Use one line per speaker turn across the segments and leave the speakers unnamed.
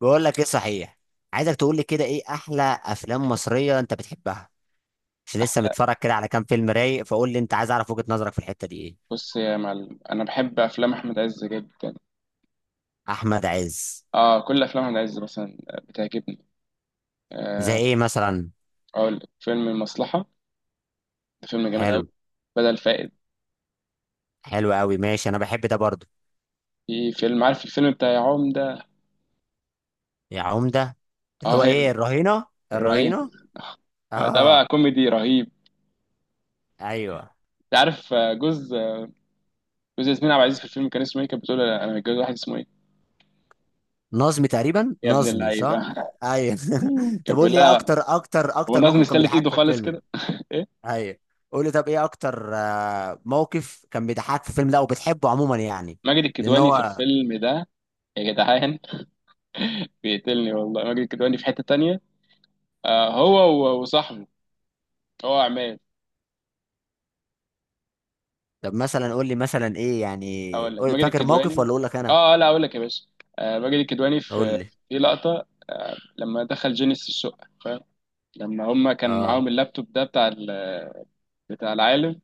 بقول لك ايه صحيح. عايزك تقول لي كده ايه احلى افلام مصريه انت بتحبها؟ مش لسه
احلى.
متفرج كده على كام فيلم رايق، فقول لي انت، عايز اعرف وجهه نظرك في الحته دي ايه.
بص يا معلم، انا بحب افلام احمد عز جدا.
احمد عز.
اه، كل افلام احمد عز مثلا بتعجبني.
زي
آه.
ايه مثلا؟
اقول لك فيلم المصلحه، ده فيلم جامد قوي.
حلو.
بدل فائد.
حلو قوي، ماشي، انا بحب ده برضو.
في فيلم، عارف الفيلم بتاع يا عمده.
يا عمده، اللي هو
اه هي
ايه، الرهينه.
الرهين.
الرهينه.
آه، ده بقى
اه.
كوميدي رهيب.
ايوه،
انت عارف جوز ياسمين عبد العزيز في الفيلم كان اسمه ايه، كانت بتقول له انا متجوز واحد اسمه ايه.
نظمي تقريبا،
يا ابن
نظمي
اللعيبه.
صح. ايوه
كان
طب قول
بيقول
لي ايه
لها.
اكتر اكتر
هو
اكتر
نازل
موقف كان
مستلت
بيضحكك
ايده
في
خالص
الفيلم ده؟
كده. ايه.
ايوه. قول لي طب ايه اكتر موقف كان بيضحكك في الفيلم ده، وبتحبه عموما يعني.
ماجد
لان
الكدواني في
هو.
الفيلم ده، يا جدعان. بيقتلني والله، ماجد الكدواني في حته تانية. آه هو، وصاحبه، هو عماد.
طب مثلا قول لي مثلا ايه
اقول
يعني،
لك ماجد
فاكر موقف
الكدواني.
ولا اقول لك انا؟
اه، لا اقول لك يا باشا. آه، ماجد الكدواني في
قول لي.
في لقطه لما دخل جينيس الشقه فاهم. لما هم كان
اه.
معاهم اللابتوب ده بتاع بتاع العالم،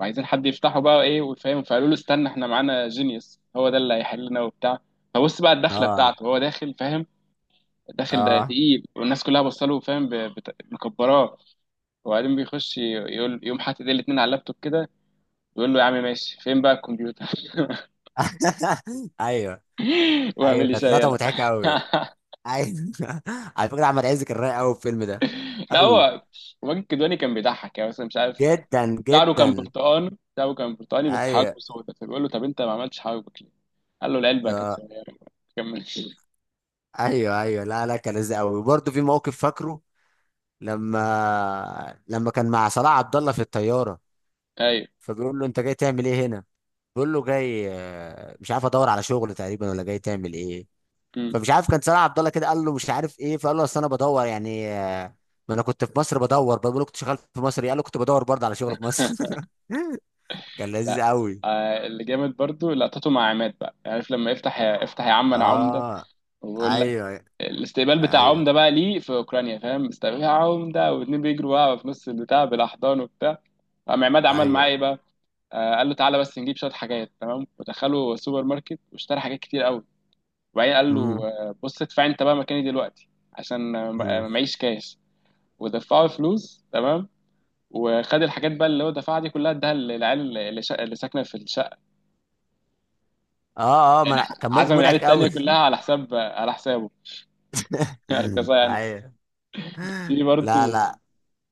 وعايزين حد يفتحه بقى ايه وفاهم، فقالوا له استنى احنا معانا جينيوس، هو ده اللي هيحلنا وبتاع. فبص بقى الدخله
اه.
بتاعته، هو داخل فاهم، داخل ده
اه
تقيل، والناس كلها بصله فاهم مكبراه. وبعدين بيخش، يقول، يقوم حاطط ايديه الاتنين على اللابتوب كده، بيقول له يا عم ماشي فين بقى الكمبيوتر.
ايوه
واعمل
ايوه،
لي
كانت
شاي.
لقطه
يلا.
مضحكه قوي. ايوه على فكره احمد عز كان رايق قوي في الفيلم ده.
لا
قوي
هو ماجد الكدواني كان بيضحك يعني مثلا مش عارف،
جدا،
شعره كان
جدا.
برتقان، شعره كان برتقاني بس حواجبه
ايوه.
سودا، فبيقول له طب انت ما عملتش حواجبك ليه؟ قال له العلبه كانت
آه.
صغيره. كمل.
ايوه ايوه، لا لا، كان لذيذ قوي، وبرضه في موقف فاكره. لما كان مع صلاح عبد الله في الطياره،
ايوه.
فبيقول له انت جاي تعمل ايه هنا؟ بيقول له جاي مش عارف ادور على شغل تقريبا، ولا جاي تعمل ايه.
مم.
فمش عارف كان صلاح عبد الله كده قال له مش عارف ايه، فقال له اصل انا بدور يعني ما انا كنت في مصر بدور. بقول له كنت شغال في مصر إيه؟ قال له كنت بدور برضه على شغل في مصر كان لذيذ
لا.
قوي.
آه، اللي جامد برضو لقطته مع عماد بقى، يعني عارف لما يفتح يا افتح يا عم انا عمده،
اه.
وبقول لك
ايوه.
الاستقبال بتاع
ايوه.
عمده بقى ليه في اوكرانيا فاهم، استقبال يا عمده، واتنين بيجروا بقى في نص البتاع بالاحضان وبتاع. قام عماد عمل معاه
ايوه.
ايه بقى؟ قال له تعالى بس نجيب شويه حاجات تمام، ودخله سوبر ماركت واشترى حاجات كتير قوي. وبعدين قال له
امم.
بص ادفع انت بقى مكاني دلوقتي عشان
امم.
معيش كاش. ودفعه فلوس تمام، وخد الحاجات بقى اللي هو دفعها دي كلها، اداها للعيال اللي، اللي ساكنه في الشقه.
اه اه
يعني
ما أنا- كان موقف
عزم العيال
مضحك
التانيه
قوي.
كلها على حساب، على حسابه. اركزها يعني.
ايوه.
في
لا
برضه.
لا.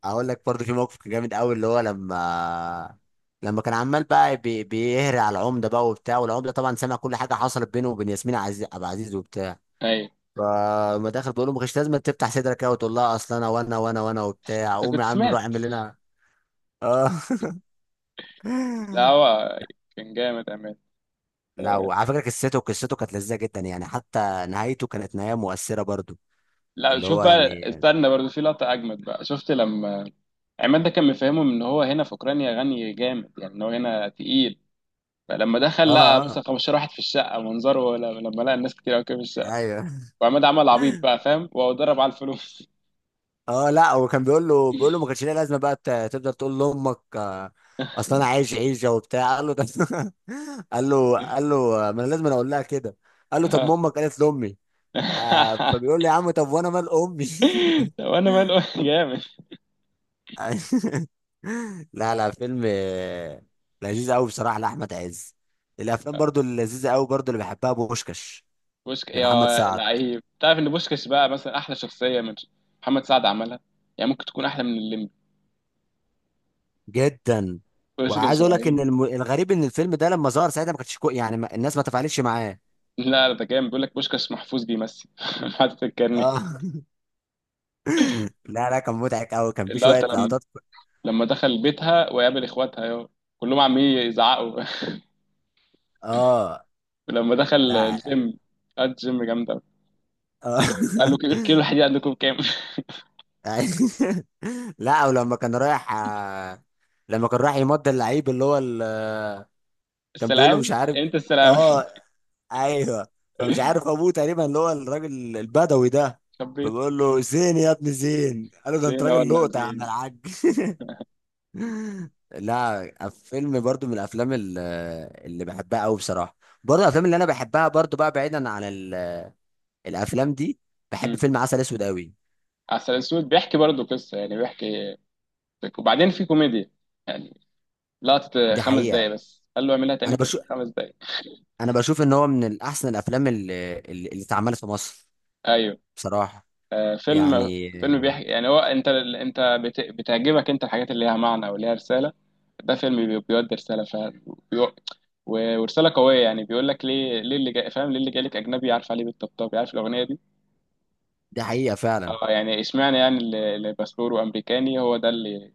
اقول لك برضو في موقف كان جامد قوي، اللي هو لما كان عمال بقى بيهري على العمده بقى وبتاع، والعمده طبعا سمع كل حاجه حصلت بينه وبين ياسمين عزيز ابو عزيز وبتاع.
اي.
فما داخل بيقول له ما كانش لازم تفتح صدرك قوي وتقول لها اصل انا وانا وانا وانا وبتاع،
انت
قوم
كنت
يا عم
سمعت؟
روح اعمل لنا. اه
لا هو كان جامد امان.
لا،
آه،
وعلى فكره قصته كانت لذيذه جدا يعني، حتى نهايته كانت نهايه مؤثره برضو.
لا
اللي
شوف
هو
بقى،
يعني.
استنى برضه، في لقطه اجمد بقى شفت لما عماد ده كان مفهمهم ان هو هنا في اوكرانيا غني جامد، يعني ان هو هنا تقيل. فلما
اه.
دخل لقى
اه.
مثلا 15 واحد في الشقه منظره، لما لقى الناس كتير قوي كده في الشقه،
ايوه.
وعماد عمل عبيط بقى فاهم وضرب على الفلوس.
اه. لا هو كان بيقول له ما كانش ليها لازمه بقى تفضل تقول لامك اصل انا عايش عيشه وبتاع قال له ده قال له ما انا لازم أنا اقول لها كده. قال له طب ما امك قالت لامي. آه، فبيقول له يا عم طب وانا مال امي
طب انا ماله. جامد.
لا لا، فيلم لذيذ قوي بصراحه لاحمد عز. الافلام برضو اللذيذه قوي برضو اللي بحبها بوشكاش،
بوشك يا
لمحمد سعد.
لعيب، تعرف ان بوشكش بقى مثلا احلى شخصيه من محمد سعد عملها، يعني ممكن تكون احلى من الليمبي.
جدا. وعايز
بوشكش
اقول لك
رهيب.
ان الغريب ان الفيلم ده لما ظهر ساعتها ما كانتش الناس ما تفاعلتش معاه.
لا لا، ده جامد، بيقول لك بوشكش محفوظ بيمثل. حاطط الكارنيه.
اه لا لا، كان مضحك قوي، كان في
لا
شويه لقطات.
لما دخل بيتها وقابل اخواتها يا كلهم عمالين يزعقوا.
اه.
ولما دخل
لا.
الجيم، قعد الجيم جامد أوي. قال
اه
له، كيلو كيلو الحديد عندكم كام؟
لا، ولما كان رايح لما كان رايح يمضي اللعيب اللي هو كان بيقول له مش
السلاوي،
عارف.
انت السلاوي.
اه. ايوه. فمش عارف ابوه تقريبا اللي هو الراجل البدوي ده،
خبيت.
فبيقول له زين يا ابن زين، قال له ده انت
زينه
راجل
ولا
لقطه يا عم
زينه.
الحاج. لا، فيلم برضو من اللي بحبها قوي بصراحه. برضو الافلام اللي انا بحبها برضو بقى بعيدا عن الافلام دي، بحب
امم.
فيلم عسل اسود قوي.
عسل اسود بيحكي برضه قصه يعني بيحكي. وبعدين في كوميديا يعني، لقطه
دي
خمس
حقيقه.
دقايق بس قال له اعملها
انا
تاني كده
بشوف
5 دقايق.
انا بشوف ان هو من احسن الافلام اللي اتعملت في مصر
ايوه.
بصراحه
آه، فيلم.
يعني.
فيلم بيحكي يعني، هو انت انت بتعجبك انت الحاجات اللي ليها معنى وليها رسالة. ده فيلم بيودي رسالة فعلا، ورسالة قوية يعني، بيقول لك ليه ليه اللي جاي فاهم، ليه اللي جاي لك أجنبي، عارف عليه بالطبطاب، عارف الأغنية دي.
دي حقيقه فعلا.
اه يعني اشمعنى يعني اللي باسبوره أمريكاني هو ده اللي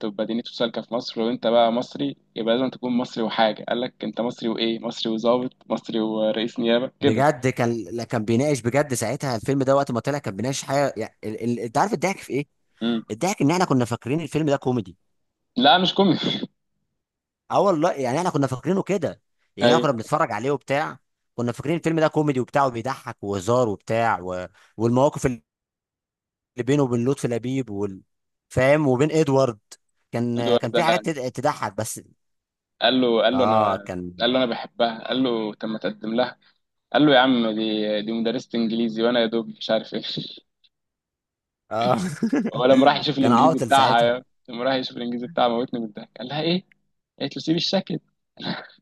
تبقى دينيته سالكة في مصر، وأنت بقى مصري يبقى لازم تكون مصري. وحاجة قال لك أنت مصري وإيه مصري، وظابط مصري ورئيس نيابة كده.
بجد كان، لا كان بيناقش بجد ساعتها، الفيلم ده وقت ما طلع كان بيناقش حاجه يعني انت عارف الضحك في ايه؟
مم.
الضحك ان احنا كنا فاكرين الفيلم ده كوميدي.
لا مش كوميدي.
اه والله يعني احنا كنا فاكرينه كده يعني، احنا كنا بنتفرج عليه وبتاع، كنا فاكرين الفيلم ده كوميدي وبتاع وبيضحك وهزار وبتاع و... والمواقف اللي بينه وبين لطفي لبيب فاهم، وبين ادوارد، كان
أيوه
كان
ده.
في حاجات تضحك بس.
قال له قال له انا
اه كان.
قال له انا بحبها. قال له طب ما تقدم لها. قال له يا عم دي دي مدرسة انجليزي وانا يا دوب مش عارف ايه.
اه
هو
كان عاطل ساعتها.
لما راح يشوف الانجليزي بتاعها موتني من الضحك، قال لها ايه. قالت له سيبي الشكل.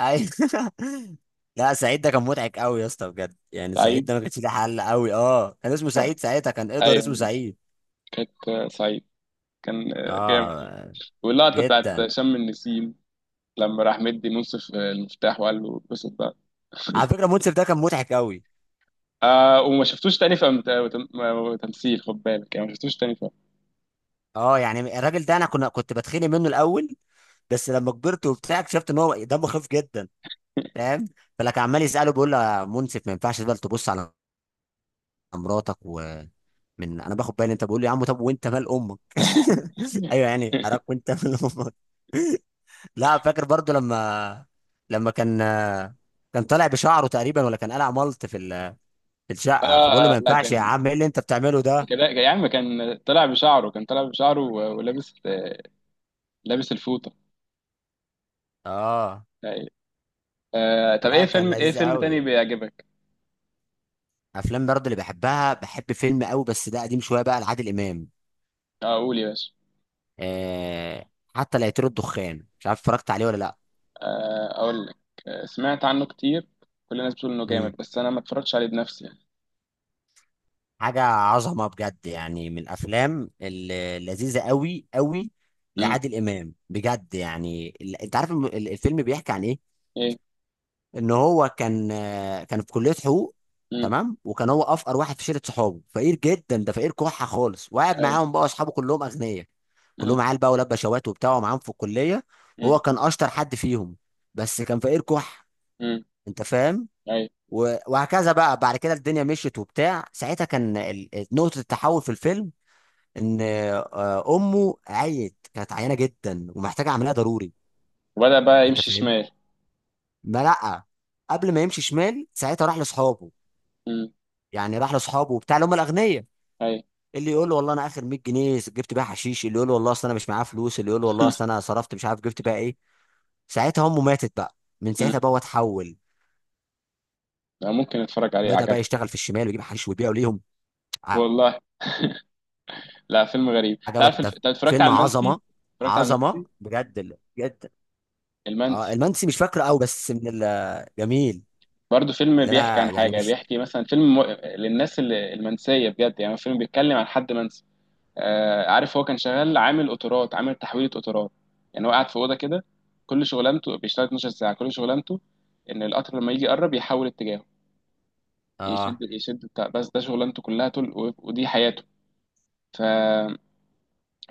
اي لا سعيد ده كان مضحك قوي يا اسطى بجد يعني، سعيد ده
سعيد.
ما كانش ليه حل قوي. اه كان اسمه سعيد ساعتها، كان ادوارد اسمه
ايوه.
سعيد.
كانت سعيد. كان جامد.
اه.
واللقطة بتاعت
جدا.
شم النسيم لما راح مدي منصف المفتاح وقال له اتبسط بقى.
على فكره منصف ده كان مضحك قوي.
آه، وما شفتوش تاني في تمثيل، خد بالك يعني، ما شفتوش تاني في
اه يعني الراجل ده انا كنت بتخانق منه الاول، بس لما كبرت وبتاع اكتشفت ان هو دمه خفيف جدا، فاهم، فلك عمال يساله بيقول له يا منصف ما ينفعش بقى تبص على مراتك ومن، انا باخد بالي انت بقول لي يا عم طب وانت مال امك
أم-
ايوه يعني حضرتك وانت مال امك. لا فاكر برضو لما، لما كان طالع بشعره تقريبا، ولا كان قلع ملط في في الشقه، فبقول له ما
لا
ينفعش يا
كان
عم ايه اللي انت بتعمله ده.
كده يا عم، كان طلع بشعره ولابس لابس الفوطة.
اه
أيوة. آه، طب ايه
لا كان
فيلم، ايه
لذيذ
فيلم تاني
قوي.
بيعجبك؟
افلام برضه اللي بحبها، بحب فيلم قوي بس ده قديم شويه بقى لعادل امام،
آه، قول يا باشا.
آه، حتى لا يطير الدخان، مش عارف اتفرجت عليه ولا لا.
آه اقول لك. آه، سمعت عنه كتير، كل الناس بتقول انه
مم.
جامد بس انا ما اتفرجتش عليه بنفسي يعني.
حاجه عظمه بجد يعني، من اللذيذه قوي قوي
امم.
لعادل امام بجد يعني، انت عارف الفيلم بيحكي عن ايه؟
ايه.
ان هو كان كان في كليه حقوق،
امم.
تمام، وكان هو افقر واحد في شله صحابه، فقير جدا ده، فقير كحه خالص، وقعد
اي.
معاهم بقى اصحابه كلهم اغنياء،
امم.
كلهم عيال بقى، ولاد بشوات وبتاع، ومعاهم في الكليه. وهو
امم.
كان اشطر حد فيهم بس كان فقير كح،
امم.
انت فاهم،
اي.
و- وهكذا بقى بعد كده الدنيا مشيت وبتاع. ساعتها كان نقطه التحول في الفيلم ان امه عيت، كانت عيانه جدا ومحتاجه عمليه ضروري.
وبدأ بقى
انت
يمشي
فاهم.
شمال.
ما لا، قبل ما يمشي شمال ساعتها راح لاصحابه
امم.
يعني، راح لاصحابه وبتاع اللي هم الاغنياء،
اي.
اللي يقول له والله انا اخر 100 جنيه جبت بيها حشيش، اللي يقول له والله اصل انا مش معايا فلوس، اللي يقول له والله اصل انا صرفت مش عارف جبت بيها ايه. ساعتها امه ماتت بقى، من
امم.
ساعتها بقى هو اتحول،
أنا ممكن اتفرج عليه،
بدا بقى
عجبني.
يشتغل في الشمال ويجيب حشيش ويبيعه ليهم. ع-.
والله. لا فيلم غريب،
عجبك
تعرف،
ده؟
انت اتفرجت
فيلم
على المنسي؟
عظمه،
اتفرجت على
عظمه
المنسي
بجد بجد. اه
المنسي؟
المنسي مش فاكره قوي بس من الجميل،
برضه فيلم
اللي
بيحكي
انا
عن
يعني
حاجة،
مش.
بيحكي مثلا فيلم للناس المنسية بجد، يعني فيلم بيتكلم عن حد منسي. آه عارف، هو كان شغال عامل قطارات، عامل تحويلة قطارات. يعني هو قاعد في أوضة كده، كل شغلانته بيشتغل 12 ساعة، كل شغلانته إن القطر لما يجي يقرب يحول اتجاهه، يشد
اه.
يشد بتاع، بس ده شغلانته كلها طول، ودي حياته. ف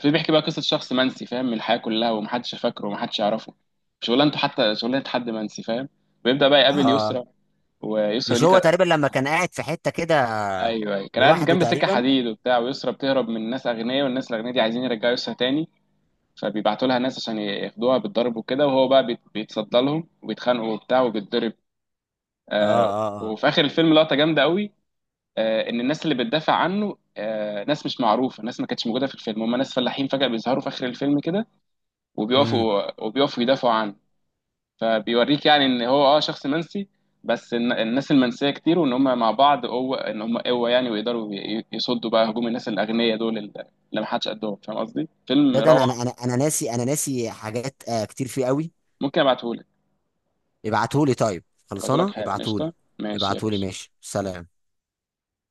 في بيحكي بقى قصة شخص منسي فاهم، من الحياة كلها، ومحدش فاكره ومحدش يعرفه. شغلانته حتى شغلانة حد منسي فاهم. ويبدأ بقى يقابل
اه.
يسرا، ويسرا
مش
دي
هو
كانت.
تقريبا لما كان قاعد في حته كده
ايوه ايوه كان قاعد
لوحده
جنب سكه
تقريبا.
حديد وبتاع، ويسرا بتهرب من ناس اغنياء، والناس الاغنياء دي عايزين يرجعوا يسرا تاني، فبيبعتوا لها ناس عشان ياخدوها بالضرب وكده، وهو بقى بيتصدى لهم وبيتخانقوا وبتاع وبيتضرب.
اه.
آه.
اه.
وفي اخر الفيلم لقطه جامده قوي. آه، ان الناس اللي بتدافع عنه، آه، ناس مش معروفه، ناس ما كانتش موجوده في الفيلم، هم ناس فلاحين فجاه بيظهروا في اخر الفيلم كده،
اه.
وبيقفوا وبيقفوا يدافعوا عنه. فبيوريك يعني ان هو اه شخص منسي، بس الناس المنسيه كتير، وان هم مع بعض قوه، ان هم قوه يعني، ويقدروا يصدوا بقى هجوم الناس الاغنياء دول اللي ما حدش قدهم. فاهم قصدي؟ فيلم
ده ده انا انا
روعه.
انا أنا ناسي، انا ناسي حاجات آه كتير فيه قوي.
ممكن ابعتهولك.
ابعتهولي طيب،
ابعتهولك
خلصانه
حالا
ابعتهولي.
قشطه. ماشي يا
ابعتهولي،
باشا.
ماشي، سلام.